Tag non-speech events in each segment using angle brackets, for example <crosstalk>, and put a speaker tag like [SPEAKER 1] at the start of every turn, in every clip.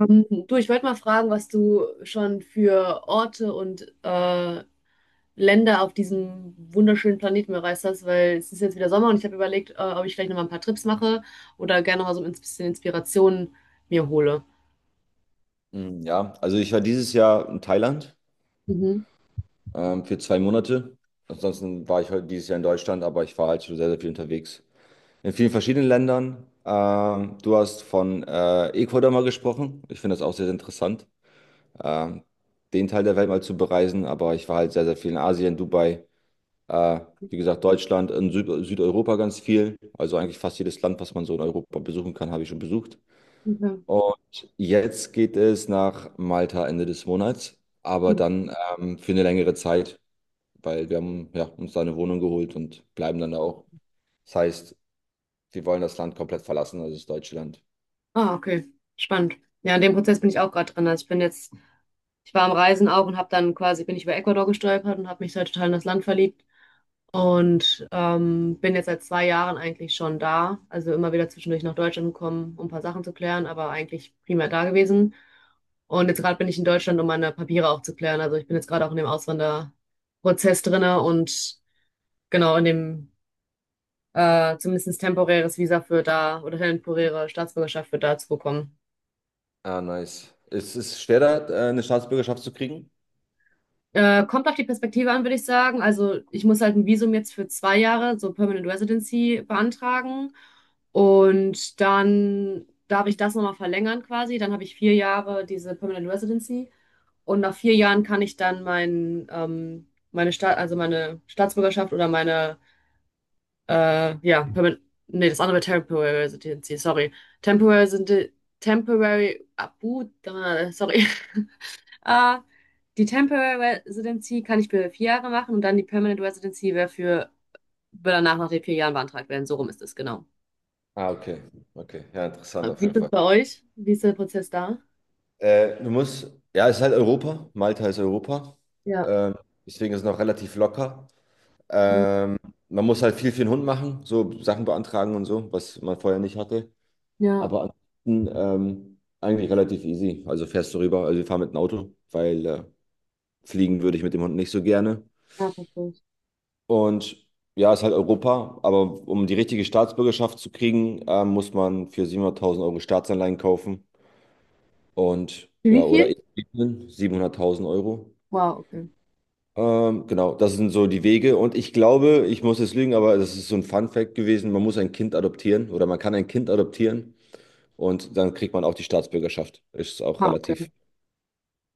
[SPEAKER 1] Du, ich wollte mal fragen, was du schon für Orte und Länder auf diesem wunderschönen Planeten bereist hast, weil es ist jetzt wieder Sommer und ich habe überlegt, ob ich vielleicht nochmal ein paar Trips mache oder gerne mal so ein bisschen Inspiration mir hole.
[SPEAKER 2] Ja, also ich war dieses Jahr in Thailand
[SPEAKER 1] Mhm.
[SPEAKER 2] für 2 Monate. Ansonsten war ich heute dieses Jahr in Deutschland, aber ich war halt schon sehr, sehr viel unterwegs. In vielen verschiedenen Ländern. Du hast von Ecuador mal gesprochen. Ich finde das auch sehr, sehr interessant, ähm, den Teil der Welt mal zu bereisen. Aber ich war halt sehr, sehr viel in Asien, Dubai, äh, wie gesagt, Deutschland, in Süd Südeuropa ganz viel. Also eigentlich fast jedes Land, was man so in Europa besuchen kann, habe ich schon besucht.
[SPEAKER 1] Ja.
[SPEAKER 2] Und jetzt geht es nach Malta Ende des Monats, aber dann für eine längere Zeit, weil wir haben ja, uns da eine Wohnung geholt und bleiben dann da auch. Das heißt, wir wollen das Land komplett verlassen, also das deutsche Land.
[SPEAKER 1] Ah, okay. Spannend. Ja, in dem Prozess bin ich auch gerade drin. Also ich bin jetzt ich war am Reisen auch und habe dann quasi, bin ich über Ecuador gestolpert und habe mich halt total in das Land verliebt und bin jetzt seit 2 Jahren eigentlich schon da. Also immer wieder zwischendurch nach Deutschland gekommen, um ein paar Sachen zu klären, aber eigentlich primär da gewesen. Und jetzt gerade bin ich in Deutschland, um meine Papiere auch zu klären. Also ich bin jetzt gerade auch in dem Auswanderprozess drinne und genau in dem zumindest temporäres Visa für da oder temporäre Staatsbürgerschaft für da zu bekommen.
[SPEAKER 2] Ah, nice. Ist es schwer, da eine Staatsbürgerschaft zu kriegen?
[SPEAKER 1] Kommt auf die Perspektive an, würde ich sagen. Also ich muss halt ein Visum jetzt für 2 Jahre, so Permanent Residency, beantragen. Und dann darf ich das nochmal verlängern quasi. Dann habe ich 4 Jahre diese Permanent Residency. Und nach 4 Jahren kann ich dann mein, meine Staat, also meine Staatsbürgerschaft oder meine, ja, Permanent, nee, das andere wäre Temporary Residency, sorry. Temporary, Residen- Temporary, abu, sorry. <laughs> Ah, die Temporary Residency kann ich für 4 Jahre machen und dann die Permanent Residency wäre für, würde danach nach den 4 Jahren beantragt werden. So rum ist es, genau.
[SPEAKER 2] Ah, okay. Okay. Ja, interessant auf
[SPEAKER 1] Wie
[SPEAKER 2] jeden
[SPEAKER 1] ist es
[SPEAKER 2] Fall.
[SPEAKER 1] bei euch? Wie ist der Prozess da?
[SPEAKER 2] Du musst, ja, es ist halt Europa. Malta ist Europa.
[SPEAKER 1] Ja.
[SPEAKER 2] Ähm, Deswegen ist es noch relativ locker.
[SPEAKER 1] Mhm.
[SPEAKER 2] Ähm, Man muss halt viel für den Hund machen, so Sachen beantragen und so, was man vorher nicht hatte.
[SPEAKER 1] Ja,
[SPEAKER 2] Aber ansonsten eigentlich relativ easy. Also fährst du rüber, also wir fahren mit dem Auto, weil fliegen würde ich mit dem Hund nicht so gerne.
[SPEAKER 1] ja, verstehe ich.
[SPEAKER 2] Und ja, ist halt Europa, aber um die richtige Staatsbürgerschaft zu kriegen, muss man für 700.000 Euro Staatsanleihen kaufen und
[SPEAKER 1] Für wie
[SPEAKER 2] ja, oder
[SPEAKER 1] viel?
[SPEAKER 2] eben 700.000 Euro.
[SPEAKER 1] Wow, okay.
[SPEAKER 2] Genau, das sind so die Wege und ich glaube, ich muss jetzt lügen, aber das ist so ein Fun Fact gewesen, man muss ein Kind adoptieren oder man kann ein Kind adoptieren und dann kriegt man auch die Staatsbürgerschaft. Ist auch
[SPEAKER 1] Ah, okay.
[SPEAKER 2] relativ.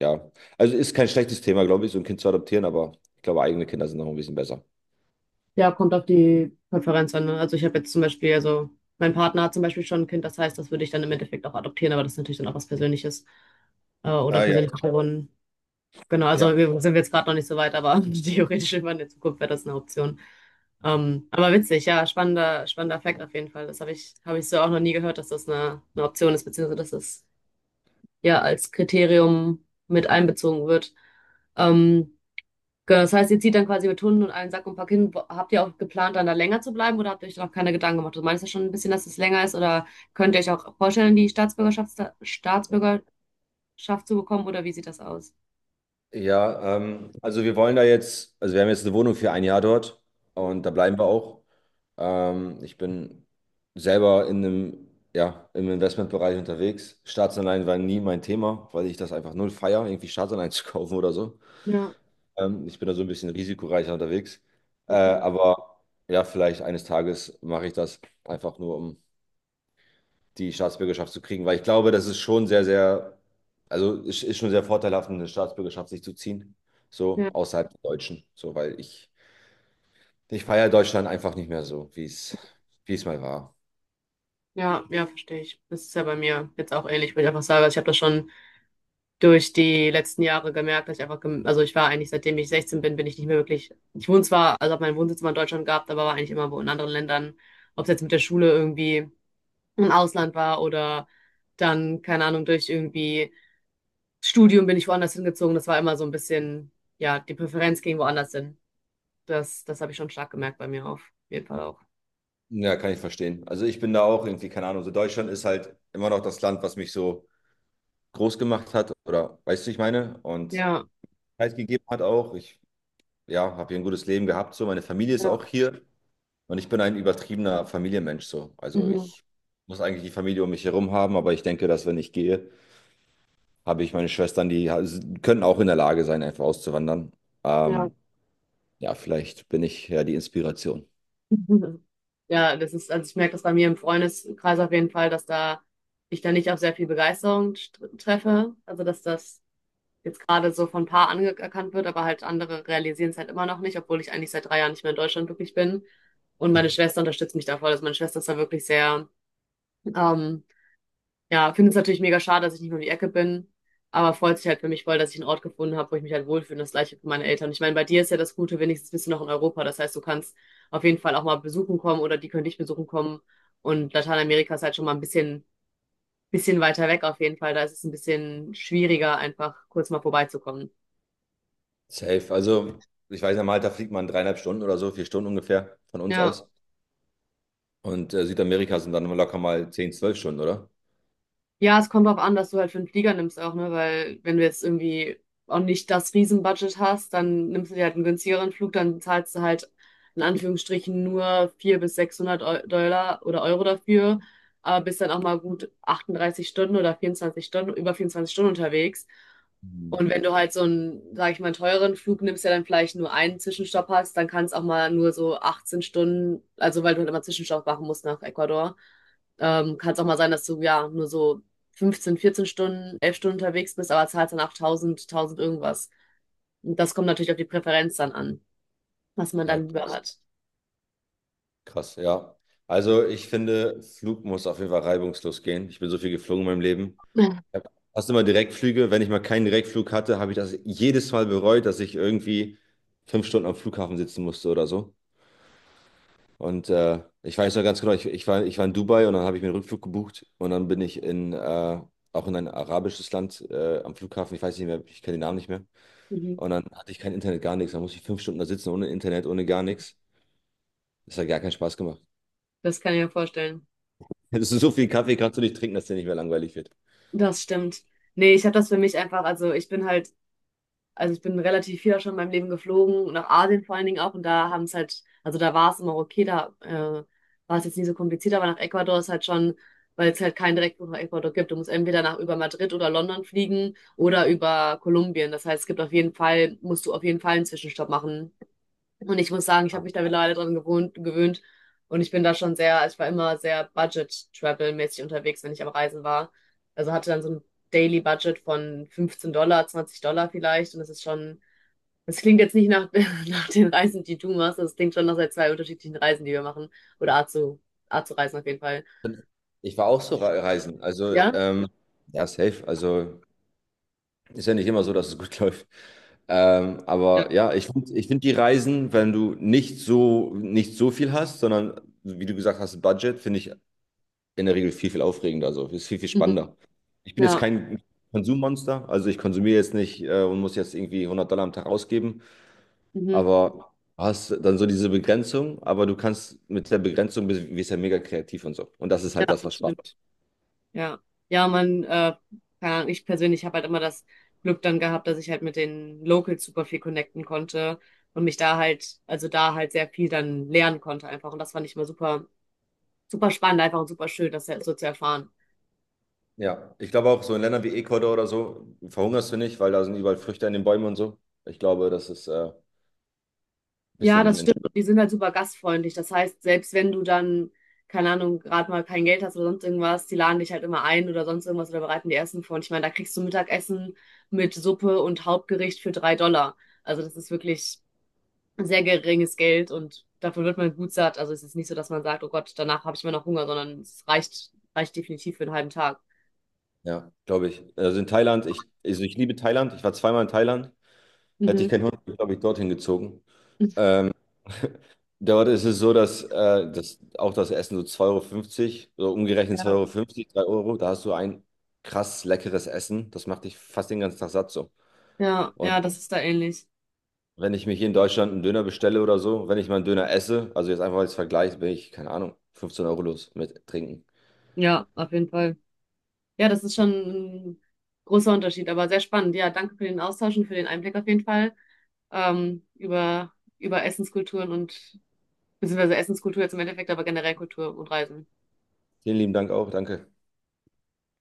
[SPEAKER 2] Ja, also ist kein schlechtes Thema, glaube ich, so ein Kind zu adoptieren, aber ich glaube, eigene Kinder sind noch ein bisschen besser.
[SPEAKER 1] Ja, kommt auf die Konferenz an, ne? Also ich habe jetzt zum Beispiel, also mein Partner hat zum Beispiel schon ein Kind, das heißt, das würde ich dann im Endeffekt auch adoptieren, aber das ist natürlich dann auch was Persönliches oder
[SPEAKER 2] Ah, ja.
[SPEAKER 1] persönliches. Genau, also
[SPEAKER 2] Ja,
[SPEAKER 1] wir sind jetzt gerade noch nicht so weit, aber <laughs> theoretisch irgendwann in der Zukunft wäre das eine Option. Aber witzig, ja, spannender Fact auf jeden Fall. Das habe habe ich so auch noch nie gehört, dass das eine Option ist, beziehungsweise dass das ja als Kriterium mit einbezogen wird. Ähm, genau, das heißt, ihr zieht dann quasi mit Hunden und einem Sack und Pack hin. Wo- Habt ihr auch geplant, dann da länger zu bleiben oder habt ihr euch da noch keine Gedanken gemacht? Du meinst ja schon ein bisschen, dass es länger ist oder könnt ihr euch auch vorstellen, die Staatsbürgerschaft zu bekommen oder wie sieht das aus?
[SPEAKER 2] ja, also wir wollen da jetzt, also wir haben jetzt eine Wohnung für 1 Jahr dort und da bleiben wir auch. Ich bin selber in einem, ja, im Investmentbereich unterwegs. Staatsanleihen war nie mein Thema, weil ich das einfach null feiere, irgendwie Staatsanleihen <laughs> zu kaufen oder so.
[SPEAKER 1] Ja,
[SPEAKER 2] Ich bin da so ein bisschen risikoreicher unterwegs.
[SPEAKER 1] okay.
[SPEAKER 2] Aber ja, vielleicht eines Tages mache ich das einfach nur, um die Staatsbürgerschaft zu kriegen, weil ich glaube, das ist schon sehr, sehr, also es ist schon sehr vorteilhaft, eine Staatsbürgerschaft sich zu ziehen, so
[SPEAKER 1] Ja.
[SPEAKER 2] außerhalb der Deutschen, so, weil ich feiere Deutschland einfach nicht mehr so, wie es mal war.
[SPEAKER 1] Ja, ja, verstehe ich. Das ist ja bei mir jetzt auch ähnlich, würde ich einfach sagen. Also ich habe das schon durch die letzten Jahre gemerkt, dass ich einfach, gem- also ich war eigentlich, seitdem ich 16 bin, bin ich nicht mehr wirklich, ich wohne zwar, also habe meinen Wohnsitz immer in Deutschland gehabt, aber war eigentlich immer wo in anderen Ländern, ob es jetzt mit der Schule irgendwie im Ausland war oder dann, keine Ahnung, durch irgendwie Studium bin ich woanders hingezogen. Das war immer so ein bisschen, ja, die Präferenz ging woanders hin. Das habe ich schon stark gemerkt bei mir auf jeden Fall auch.
[SPEAKER 2] Ja, kann ich verstehen. Also ich bin da auch irgendwie, keine Ahnung, so Deutschland ist halt immer noch das Land, was mich so groß gemacht hat oder, weißt du, ich meine, und
[SPEAKER 1] Ja,
[SPEAKER 2] Zeit gegeben hat auch. Ich, ja, habe hier ein gutes Leben gehabt, so, meine Familie ist
[SPEAKER 1] ja,
[SPEAKER 2] auch hier. Und ich bin ein übertriebener Familienmensch so. Also
[SPEAKER 1] mhm,
[SPEAKER 2] ich muss eigentlich die Familie um mich herum haben, aber ich denke, dass wenn ich gehe, habe ich meine Schwestern, können auch in der Lage sein, einfach auszuwandern.
[SPEAKER 1] ja.
[SPEAKER 2] Ähm, ja, vielleicht bin ich ja die Inspiration.
[SPEAKER 1] Mhm. Ja, das ist, also ich merke das bei mir im Freundeskreis auf jeden Fall, dass da ich da nicht auf sehr viel Begeisterung st- treffe. Also dass das jetzt gerade so von ein paar anerkannt wird, aber halt andere realisieren es halt immer noch nicht, obwohl ich eigentlich seit 3 Jahren nicht mehr in Deutschland wirklich bin. Und meine Schwester unterstützt mich da voll. Also meine Schwester ist da wirklich sehr ähm, ja, finde es natürlich mega schade, dass ich nicht mehr um die Ecke bin, aber freut sich halt für mich voll, dass ich einen Ort gefunden habe, wo ich mich halt wohlfühle und das gleiche für meine Eltern. Ich meine, bei dir ist ja das Gute, wenigstens bist du noch in Europa. Das heißt, du kannst auf jeden Fall auch mal besuchen kommen oder die können dich besuchen kommen. Und Lateinamerika ist halt schon mal ein bisschen weiter weg auf jeden Fall. Da ist es ein bisschen schwieriger, einfach kurz mal vorbeizukommen.
[SPEAKER 2] Safe. Also ich weiß, ja, Malta fliegt man 3,5 Stunden oder so, 4 Stunden ungefähr von uns
[SPEAKER 1] Ja.
[SPEAKER 2] aus. Und Südamerika sind dann locker mal 10, 12 Stunden, oder?
[SPEAKER 1] Ja, es kommt drauf an, dass du halt für einen Flieger nimmst auch, ne? Weil wenn du jetzt irgendwie auch nicht das Riesenbudget hast, dann nimmst du dir halt einen günstigeren Flug, dann zahlst du halt in Eu- Anführungsstrichen nur 400 bis 600 Eu- Dollar oder Euro dafür, aber bist dann auch mal gut 38 Stunden oder 24 Stunden, über 24 Stunden unterwegs.
[SPEAKER 2] Mhm.
[SPEAKER 1] Und wenn du halt so einen, sag ich mal, teuren Flug nimmst, der dann vielleicht nur einen Zwischenstopp hast, dann kann es auch mal nur so 18 Stunden, also weil du halt immer Zwischenstopp machen musst nach Ecuador. Kann es auch mal sein, dass du ja nur so 15, 14 Stunden, 11 Stunden unterwegs bist, aber zahlst dann auch 1000, 1000 irgendwas. Und das kommt natürlich auf die Präferenz dann an, was man
[SPEAKER 2] Ah,
[SPEAKER 1] dann lieber
[SPEAKER 2] krass.
[SPEAKER 1] hat.
[SPEAKER 2] Krass, ja. Also ich finde, Flug muss auf jeden Fall reibungslos gehen. Ich bin so viel geflogen in meinem Leben.
[SPEAKER 1] <laughs>
[SPEAKER 2] Ja. Hast du mal Direktflüge? Wenn ich mal keinen Direktflug hatte, habe ich das jedes Mal bereut, dass ich irgendwie 5 Stunden am Flughafen sitzen musste oder so. Und ich weiß noch ganz genau, ich, ich war in Dubai und dann habe ich mir einen Rückflug gebucht und dann bin ich in, auch in ein arabisches Land am Flughafen, ich weiß nicht mehr, ich kenne den Namen nicht mehr.
[SPEAKER 1] Mhm.
[SPEAKER 2] Und dann hatte ich kein Internet, gar nichts. Dann musste ich 5 Stunden da sitzen ohne Internet, ohne gar nichts. Das hat gar keinen Spaß gemacht. <laughs>
[SPEAKER 1] Das kann ich mir vorstellen.
[SPEAKER 2] Das ist so viel Kaffee kannst du nicht trinken, dass dir nicht mehr langweilig wird.
[SPEAKER 1] Das stimmt. Nee, ich habe das für mich einfach, also ich bin halt. Also ich bin relativ viel auch schon in meinem Leben geflogen, nach Asien vor allen Dingen auch. Und da haben es halt, also da war es immer okay, da war es jetzt nie so kompliziert, aber nach Ecuador ist halt schon, weil es halt keinen Direktflug nach Ecuador gibt. Du musst entweder nach über Madrid oder London fliegen oder über Kolumbien. Das heißt, es gibt auf jeden Fall, musst du auf jeden Fall einen Zwischenstopp machen. Und ich muss sagen, ich habe mich da mittlerweile gewöhnt. Und ich bin da schon sehr, also ich war immer sehr Budget-Travel-mäßig unterwegs, wenn ich am Reisen war. Also hatte dann so ein Daily Budget von 15$, 20$ vielleicht. Und das ist schon, das klingt jetzt nicht nach, <laughs> nach den Reisen, die du machst. Das klingt schon nach sehr zwei unterschiedlichen Reisen, die wir machen. Oder Art zu reisen auf jeden Fall.
[SPEAKER 2] Ich war auch so reisen.
[SPEAKER 1] Ja?
[SPEAKER 2] Also, ja, safe. Also. Ist ja nicht immer so, dass es gut <laughs> läuft.
[SPEAKER 1] Ja.
[SPEAKER 2] Aber ja, ich find die Reisen, wenn du nicht so, nicht so viel hast, sondern wie du gesagt hast, Budget, finde ich in der Regel viel, viel aufregender. Also ist viel, viel
[SPEAKER 1] Mhm.
[SPEAKER 2] spannender. Ich bin jetzt
[SPEAKER 1] Ja.
[SPEAKER 2] kein Konsummonster, also ich konsumiere jetzt nicht und muss jetzt irgendwie 100 Dollar am Tag ausgeben,
[SPEAKER 1] Mhm.
[SPEAKER 2] aber hast dann so diese Begrenzung, aber du kannst mit der Begrenzung bist ja mega kreativ und so. Und das ist
[SPEAKER 1] Ja,
[SPEAKER 2] halt das, was
[SPEAKER 1] das
[SPEAKER 2] Spaß.
[SPEAKER 1] stimmt. Ja, ja, man, keine Ahnung, ich persönlich habe halt immer das Glück dann gehabt, dass ich halt mit den Locals super viel connecten konnte und mich da halt, also da halt sehr viel dann lernen konnte einfach. Und das fand ich immer super spannend einfach und super schön, das so zu erfahren.
[SPEAKER 2] Ja, ich glaube auch so in Ländern wie Ecuador oder so verhungerst du nicht, weil da sind überall Früchte in den Bäumen und so. Ich glaube, das ist ein
[SPEAKER 1] Ja,
[SPEAKER 2] bisschen,
[SPEAKER 1] das
[SPEAKER 2] in,
[SPEAKER 1] stimmt. Und die sind halt super gastfreundlich. Das heißt, selbst wenn du dann, keine Ahnung, gerade mal kein Geld hast oder sonst irgendwas, die laden dich halt immer ein oder sonst irgendwas oder bereiten dir Essen vor. Und ich meine, da kriegst du Mittagessen mit Suppe und Hauptgericht für 3$. Also das ist wirklich sehr geringes Geld und davon wird man gut satt. Also es ist nicht so, dass man sagt, oh Gott, danach habe ich immer noch Hunger, sondern es reicht definitiv für einen halben Tag.
[SPEAKER 2] ja, glaube ich. Also in Thailand, ich, also ich liebe Thailand. Ich war zweimal in Thailand. Hätte ich
[SPEAKER 1] Mhm.
[SPEAKER 2] keinen Hund, glaube ich, dorthin gezogen. Dort ist es so, dass, das, auch das Essen so 2,50 € so umgerechnet zwei
[SPEAKER 1] Ja,
[SPEAKER 2] Euro, fünfzig, drei Euro, da hast du ein krass leckeres Essen. Das macht dich fast den ganzen Tag satt so.
[SPEAKER 1] ja,
[SPEAKER 2] Und
[SPEAKER 1] ja, das ist da ähnlich.
[SPEAKER 2] wenn ich mich hier in Deutschland einen Döner bestelle oder so, wenn ich mal einen Döner esse, also jetzt einfach als Vergleich, bin ich, keine Ahnung, 15 € los mit Trinken.
[SPEAKER 1] Ja, auf jeden Fall. Ja, das ist schon ein großer Unterschied, aber sehr spannend. Ja, danke für den Austausch und für den Einblick auf jeden Fall über, über Essenskulturen und beziehungsweise Essenskultur jetzt im Endeffekt, aber generell Kultur und Reisen.
[SPEAKER 2] Vielen lieben Dank auch, danke.